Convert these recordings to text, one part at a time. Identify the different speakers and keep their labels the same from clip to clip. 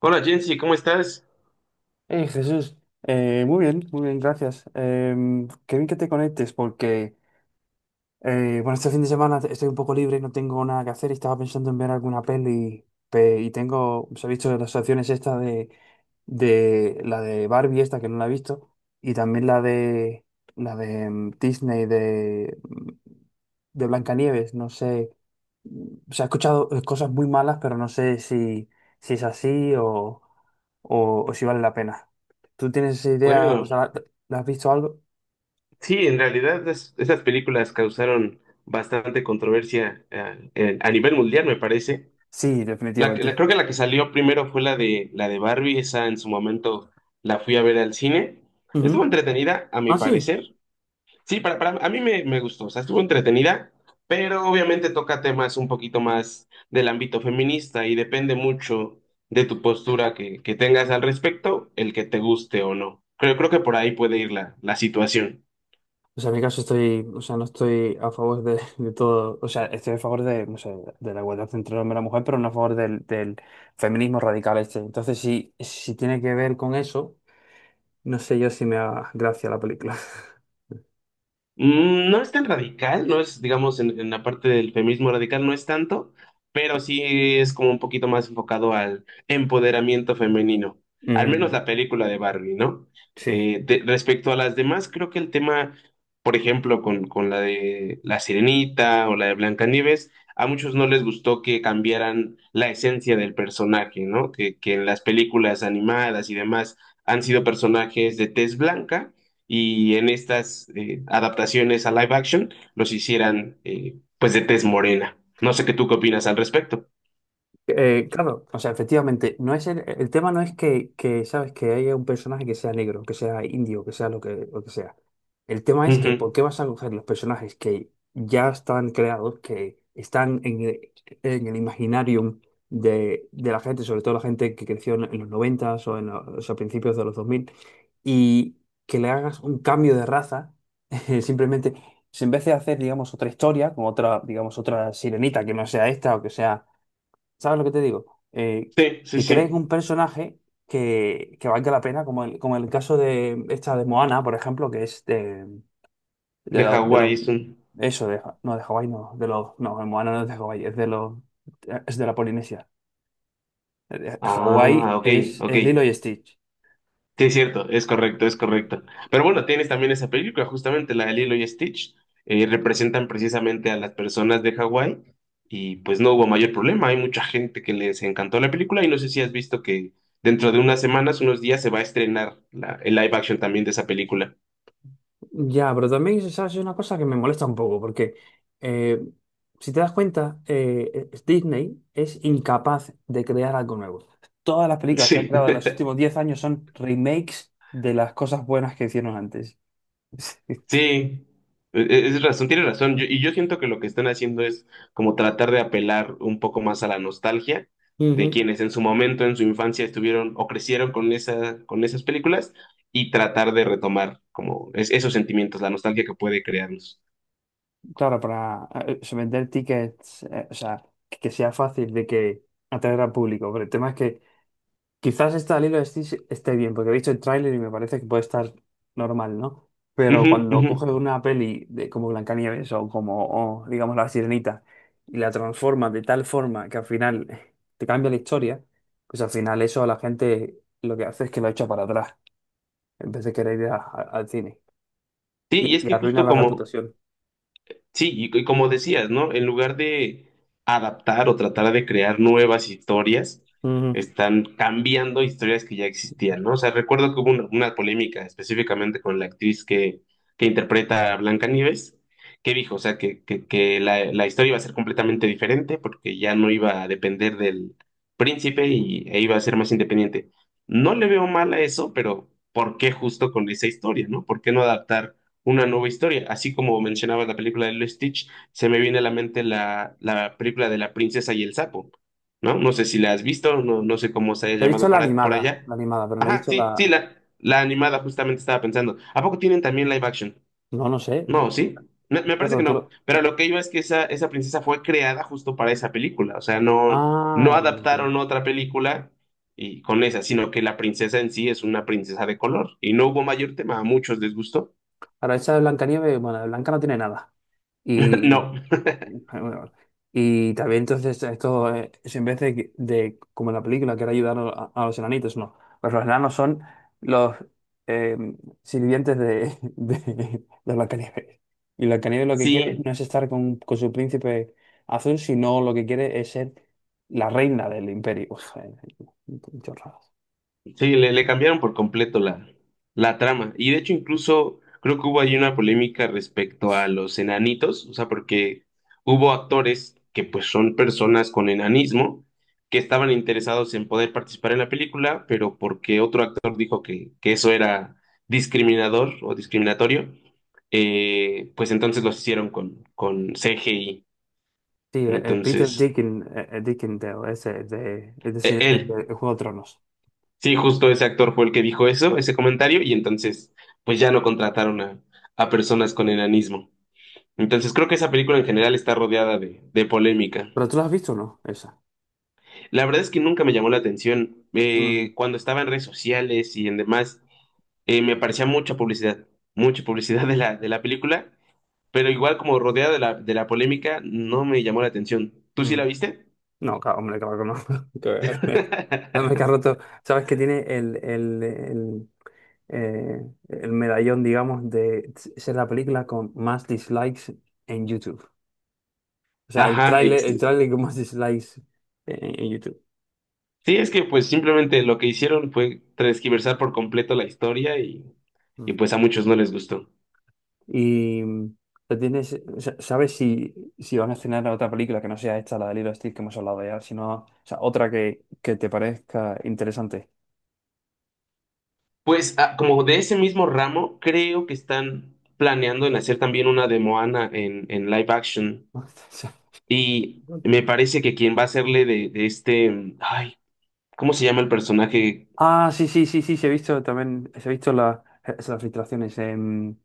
Speaker 1: Hola Jensi, ¿cómo estás?
Speaker 2: Hey, Jesús, muy bien, gracias. Qué bien que te conectes porque, bueno, este fin de semana estoy un poco libre, no tengo nada que hacer y estaba pensando en ver alguna Y os he visto las opciones esta de la de Barbie esta que no la he visto, y también la de Disney de Blancanieves. No sé, se ha escuchado, cosas muy malas, pero no sé si es así o si vale la pena. ¿Tú tienes esa idea? O
Speaker 1: Bueno,
Speaker 2: sea, ¿la has visto algo?
Speaker 1: sí, en realidad esas películas causaron bastante controversia, a nivel mundial, me parece.
Speaker 2: Sí, definitivamente.
Speaker 1: Creo que la que salió primero fue la de Barbie, esa en su momento la fui a ver al cine. Estuvo
Speaker 2: Ujú.
Speaker 1: entretenida, a mi
Speaker 2: Ah, sí.
Speaker 1: parecer. Sí, para, a mí me gustó, o sea, estuvo entretenida, pero obviamente toca temas un poquito más del ámbito feminista y depende mucho de tu postura que tengas al respecto, el que te guste o no. Creo que por ahí puede ir la situación.
Speaker 2: O sea, en mi caso estoy, o sea, no estoy a favor de, de todo. O sea, estoy a favor de, no sé, de la igualdad entre el hombre y la mujer, pero no a favor del feminismo radical este. Entonces, si tiene que ver con eso, no sé yo si me da gracia la película.
Speaker 1: No es tan radical, no es, digamos, en la parte del feminismo radical no es tanto, pero sí es como un poquito más enfocado al empoderamiento femenino, al menos
Speaker 2: Mm,
Speaker 1: la película de Barbie, ¿no?
Speaker 2: sí.
Speaker 1: Respecto a las demás, creo que el tema, por ejemplo, con la de La Sirenita o la de Blancanieves, a muchos no les gustó que cambiaran la esencia del personaje, ¿no? Que en las películas animadas y demás han sido personajes de tez blanca y en estas adaptaciones a live action los hicieran, pues, de tez morena. No sé qué tú qué opinas al respecto.
Speaker 2: Claro, o sea, efectivamente, no es el tema, no es que, sabes, que haya un personaje que sea negro, que sea indio, que sea lo que sea. El tema es, que, ¿por
Speaker 1: Ujú.
Speaker 2: qué vas a coger los personajes que ya están creados, que están en el imaginarium de la gente, sobre todo la gente que creció en los 90 o en los, a principios de los dos mil, y que le hagas un cambio de raza, simplemente? Si en vez de hacer, digamos, otra historia, con otra, digamos, otra sirenita que no sea esta o que sea. ¿Sabes lo que te digo? Eh,
Speaker 1: Sí, sí,
Speaker 2: que
Speaker 1: sí.
Speaker 2: creen un personaje que valga la pena, como el caso de esta de Moana, por ejemplo, que es de, de,
Speaker 1: De
Speaker 2: lo- de los.
Speaker 1: Hawái es un...
Speaker 2: Eso, no, de Hawái, no, de los. No, de Moana no es de Hawái, es de los. Es de la Polinesia. Hawái
Speaker 1: Ah, ok, ok.
Speaker 2: es Lilo y Stitch.
Speaker 1: Sí, es cierto, es correcto, es correcto. Pero bueno, tienes también esa película, justamente la de Lilo y Stitch, representan precisamente a las personas de Hawái y pues no hubo mayor problema, hay mucha gente que les encantó la película y no sé si has visto que dentro de unas semanas, unos días se va a estrenar el live action también de esa película.
Speaker 2: Ya, pero también, ¿sabes? Es una cosa que me molesta un poco, porque eh, si te das cuenta, Disney es incapaz de crear algo nuevo. Todas las películas que han
Speaker 1: Sí.
Speaker 2: creado en los últimos 10 años son remakes de las cosas buenas que hicieron antes.
Speaker 1: Sí, es razón, tiene razón. Y yo siento que lo que están haciendo es como tratar de apelar un poco más a la nostalgia de
Speaker 2: Ujú.
Speaker 1: quienes en su momento, en su infancia, estuvieron o crecieron con esa, con esas películas y tratar de retomar como esos sentimientos, la nostalgia que puede crearlos.
Speaker 2: Claro, para vender tickets. O sea, que sea fácil de que atraer al público. Pero el tema es que, quizás esta Lilo esté bien, porque he visto el tráiler y me parece que puede estar normal, ¿no? Pero
Speaker 1: Ujú,
Speaker 2: cuando
Speaker 1: ujú.
Speaker 2: coge una peli de, como Blancanieves o como, o, digamos, La Sirenita, y la transforma de tal forma que al final te cambia la historia, pues al final eso a la gente lo que hace es que lo echa para atrás, en vez de querer ir al cine.
Speaker 1: Sí, y
Speaker 2: Y,
Speaker 1: es
Speaker 2: y
Speaker 1: que
Speaker 2: arruina
Speaker 1: justo
Speaker 2: la
Speaker 1: como,
Speaker 2: reputación.
Speaker 1: sí, y como decías, ¿no? En lugar de adaptar o tratar de crear nuevas historias,
Speaker 2: Ujú.
Speaker 1: están cambiando historias que ya existían, ¿no? O sea, recuerdo que hubo una polémica específicamente con la actriz que interpreta a Blancanieves, que dijo, o sea, que la historia iba a ser completamente diferente porque ya no iba a depender del príncipe y, e iba a ser más independiente. No le veo mal a eso, pero ¿por qué justo con esa historia, ¿no? ¿Por qué no adaptar una nueva historia? Así como mencionabas la película de Lilo y Stitch, se me viene a la mente la película de la princesa y el sapo, ¿no? No sé si la has visto, no, no sé cómo se haya
Speaker 2: He visto
Speaker 1: llamado para, por allá.
Speaker 2: la animada, pero no he
Speaker 1: Ajá,
Speaker 2: visto
Speaker 1: sí, sí,
Speaker 2: la.
Speaker 1: la animada justamente estaba pensando. ¿A poco tienen también live action?
Speaker 2: No, no sé. No
Speaker 1: No,
Speaker 2: sé.
Speaker 1: ¿sí? Me parece
Speaker 2: Pero
Speaker 1: que
Speaker 2: tú
Speaker 1: no,
Speaker 2: lo.
Speaker 1: pero lo que iba es que esa princesa fue creada justo para esa película, o sea, no,
Speaker 2: Ah,
Speaker 1: no
Speaker 2: vale, entiendo.
Speaker 1: adaptaron otra película y con esa, sino que la princesa en sí es una princesa de color y no hubo mayor tema, a muchos les gustó.
Speaker 2: Ahora, esa de Blancanieves, bueno, de Blanca no tiene nada. Y,
Speaker 1: No.
Speaker 2: ah, bueno, y también entonces esto, es en vez de, como en la película que era ayudar a los enanitos, no. Pues los enanos son los eh, sirvientes de, de Blancanieves. Y Blancanieves lo que quiere
Speaker 1: Sí,
Speaker 2: no es estar con su príncipe azul, sino lo que quiere es ser la reina del imperio. Uf, chorradas.
Speaker 1: sí, le cambiaron por completo la trama. Y de hecho, incluso creo que hubo ahí una polémica respecto a los enanitos, o sea, porque hubo actores que pues son personas con enanismo que estaban interesados en poder participar en la película, pero porque otro actor dijo que eso era discriminador o discriminatorio, pues entonces los hicieron con CGI.
Speaker 2: Sí, Peter
Speaker 1: Entonces,
Speaker 2: Dickin, Dickendale, ese de, es
Speaker 1: él.
Speaker 2: de Juego de Tronos.
Speaker 1: Sí, justo ese actor fue el que dijo eso, ese comentario, y entonces, pues ya no contrataron a personas con enanismo. Entonces, creo que esa película en general está rodeada de polémica.
Speaker 2: Pero tú lo has visto, ¿o no? Esa.
Speaker 1: La verdad es que nunca me llamó la atención.
Speaker 2: Mm.
Speaker 1: Cuando estaba en redes sociales y en demás, me aparecía mucha publicidad de de la película, pero igual como rodeada de de la polémica, no me llamó la atención. ¿Tú sí
Speaker 2: Mm.
Speaker 1: la viste?
Speaker 2: No, claro, hombre, claro que no. Que. Además que ha roto, ¿sabes que tiene eh, el medallón, digamos, de ser la película con más dislikes en YouTube? O sea,
Speaker 1: Ajá,
Speaker 2: el tráiler con más dislikes en YouTube.
Speaker 1: sí, es que pues simplemente lo que hicieron fue transquiversar por completo la historia y
Speaker 2: Mm.
Speaker 1: pues a muchos no les gustó.
Speaker 2: Y lo tienes, o sea, ¿sabes si van a estrenar otra película que no sea esta, la de Lilo Stitch que hemos hablado ya, sino, o sea, otra que te parezca interesante?
Speaker 1: Pues ah, como de ese mismo ramo, creo que están planeando en hacer también una de Moana en live action y me parece que quien va a hacerle de este, ay, ¿cómo se llama el personaje?
Speaker 2: Ah, sí, sí, sí, sí, se ha visto también, se ha visto la- es- las filtraciones en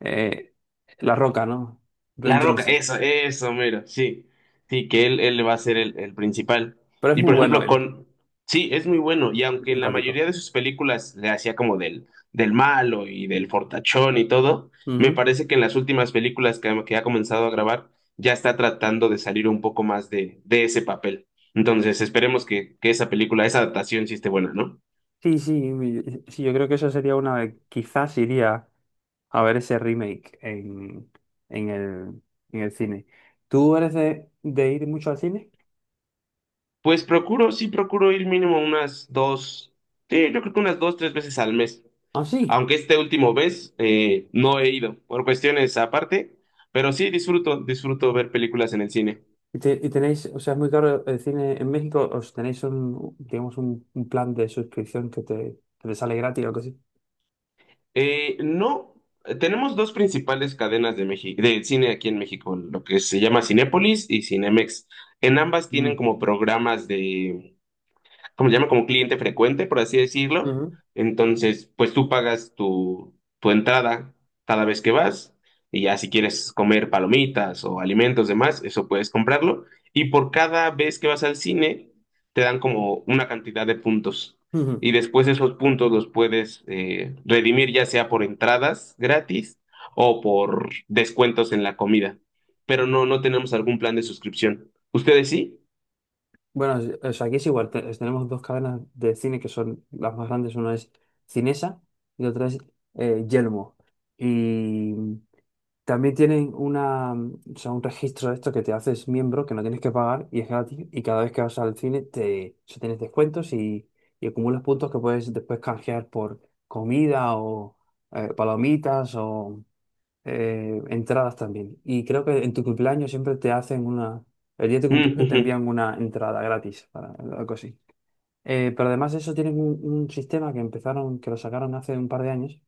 Speaker 2: eh, La Roca, ¿no? Dwayne
Speaker 1: La Roca,
Speaker 2: Johnson.
Speaker 1: eso, mero, sí. Sí, que él va a ser el principal.
Speaker 2: Pero es
Speaker 1: Y
Speaker 2: muy
Speaker 1: por
Speaker 2: bueno
Speaker 1: ejemplo,
Speaker 2: él,
Speaker 1: con. Sí, es muy bueno. Y
Speaker 2: muy
Speaker 1: aunque en la
Speaker 2: simpático.
Speaker 1: mayoría de sus películas le hacía como del malo y del fortachón y todo, me
Speaker 2: Ujú.
Speaker 1: parece que en las últimas películas que ha comenzado a grabar, ya está tratando de salir un poco más de ese papel. Entonces, esperemos que esa película, esa adaptación sí esté buena, ¿no?
Speaker 2: Sí, sí, sí, yo creo que eso sería una, quizás iría a ver ese remake en el, en el cine. ¿Tú eres de ir mucho al cine?
Speaker 1: Pues procuro, sí, procuro ir mínimo unas dos, sí, yo creo que unas dos, tres veces al mes.
Speaker 2: Ah, sí.
Speaker 1: Aunque este último vez no he ido por cuestiones aparte, pero sí disfruto, disfruto ver películas en el cine.
Speaker 2: Y, y tenéis, o sea, es muy caro el cine en México, ¿os tenéis un, digamos, un plan de suscripción que te sale gratis o algo así?
Speaker 1: No, tenemos dos principales cadenas de México, de cine aquí en México, lo que se llama Cinépolis y Cinemex. En ambas tienen como programas de como se llama? Como cliente frecuente, por así decirlo.
Speaker 2: Mm.
Speaker 1: Entonces, pues tú pagas tu, tu entrada cada vez que vas y ya si quieres comer palomitas o alimentos demás, eso puedes comprarlo. Y por cada vez que vas al cine, te dan como una cantidad de puntos.
Speaker 2: Ujú.
Speaker 1: Y después esos puntos los puedes, redimir ya sea por entradas gratis o por descuentos en la comida. Pero no, no tenemos algún plan de suscripción. ¿Ustedes sí?
Speaker 2: Bueno, o sea, aquí es igual. Tenemos dos cadenas de cine que son las más grandes. Una es Cinesa y otra es Yelmo. Y también tienen una, o sea, un registro de esto que te haces miembro, que no tienes que pagar y es gratis. Y cada vez que vas al cine te, o sea, tienes descuentos y acumulas puntos que puedes después canjear por comida o palomitas o entradas también. Y creo que en tu cumpleaños siempre te hacen una, el día de tu cumpleaños te
Speaker 1: Ujú,
Speaker 2: envían una entrada gratis, para, algo así. Pero además de eso tienen un sistema que empezaron, que lo sacaron hace un par de años,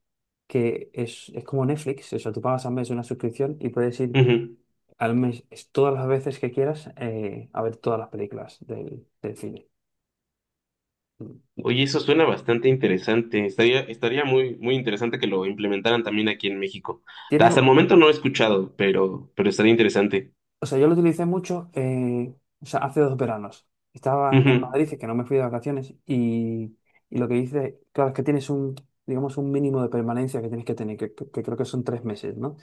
Speaker 2: que es como Netflix. O sea, tú pagas al mes una suscripción y puedes ir
Speaker 1: ujú.
Speaker 2: al mes todas las veces que quieras a ver todas las películas del cine. Mm.
Speaker 1: Oye, eso suena bastante interesante. Estaría, estaría muy, muy interesante que lo implementaran también aquí en México.
Speaker 2: Tiene.
Speaker 1: Hasta el momento no he escuchado, pero estaría interesante.
Speaker 2: O sea, yo lo utilicé mucho, o sea, hace 2 veranos. Estaba en Madrid, que no me fui de vacaciones, y lo que hice, claro, es que tienes un, digamos, un mínimo de permanencia que tienes que tener, que creo que son 3 meses, ¿no?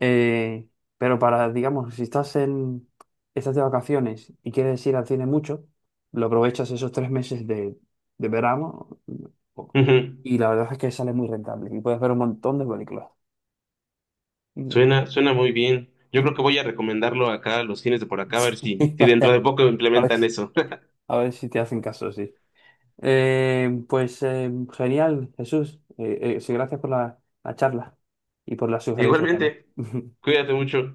Speaker 2: Eh, pero para, digamos, si estás en, estás de vacaciones y quieres ir al cine mucho, lo aprovechas esos 3 meses de verano,
Speaker 1: Ujú, ujú.
Speaker 2: y la verdad es que sale muy rentable, y puedes ver un montón de películas.
Speaker 1: Suena, suena muy bien. Yo creo que voy a recomendarlo acá a los cines de por acá, a ver si,
Speaker 2: Y
Speaker 1: si dentro
Speaker 2: vaya,
Speaker 1: de poco
Speaker 2: a ver,
Speaker 1: implementan eso.
Speaker 2: a ver si te hacen caso, sí. Pues genial, Jesús. Sí, gracias por la charla y por las sugerencias también.
Speaker 1: Igualmente, cuídate mucho.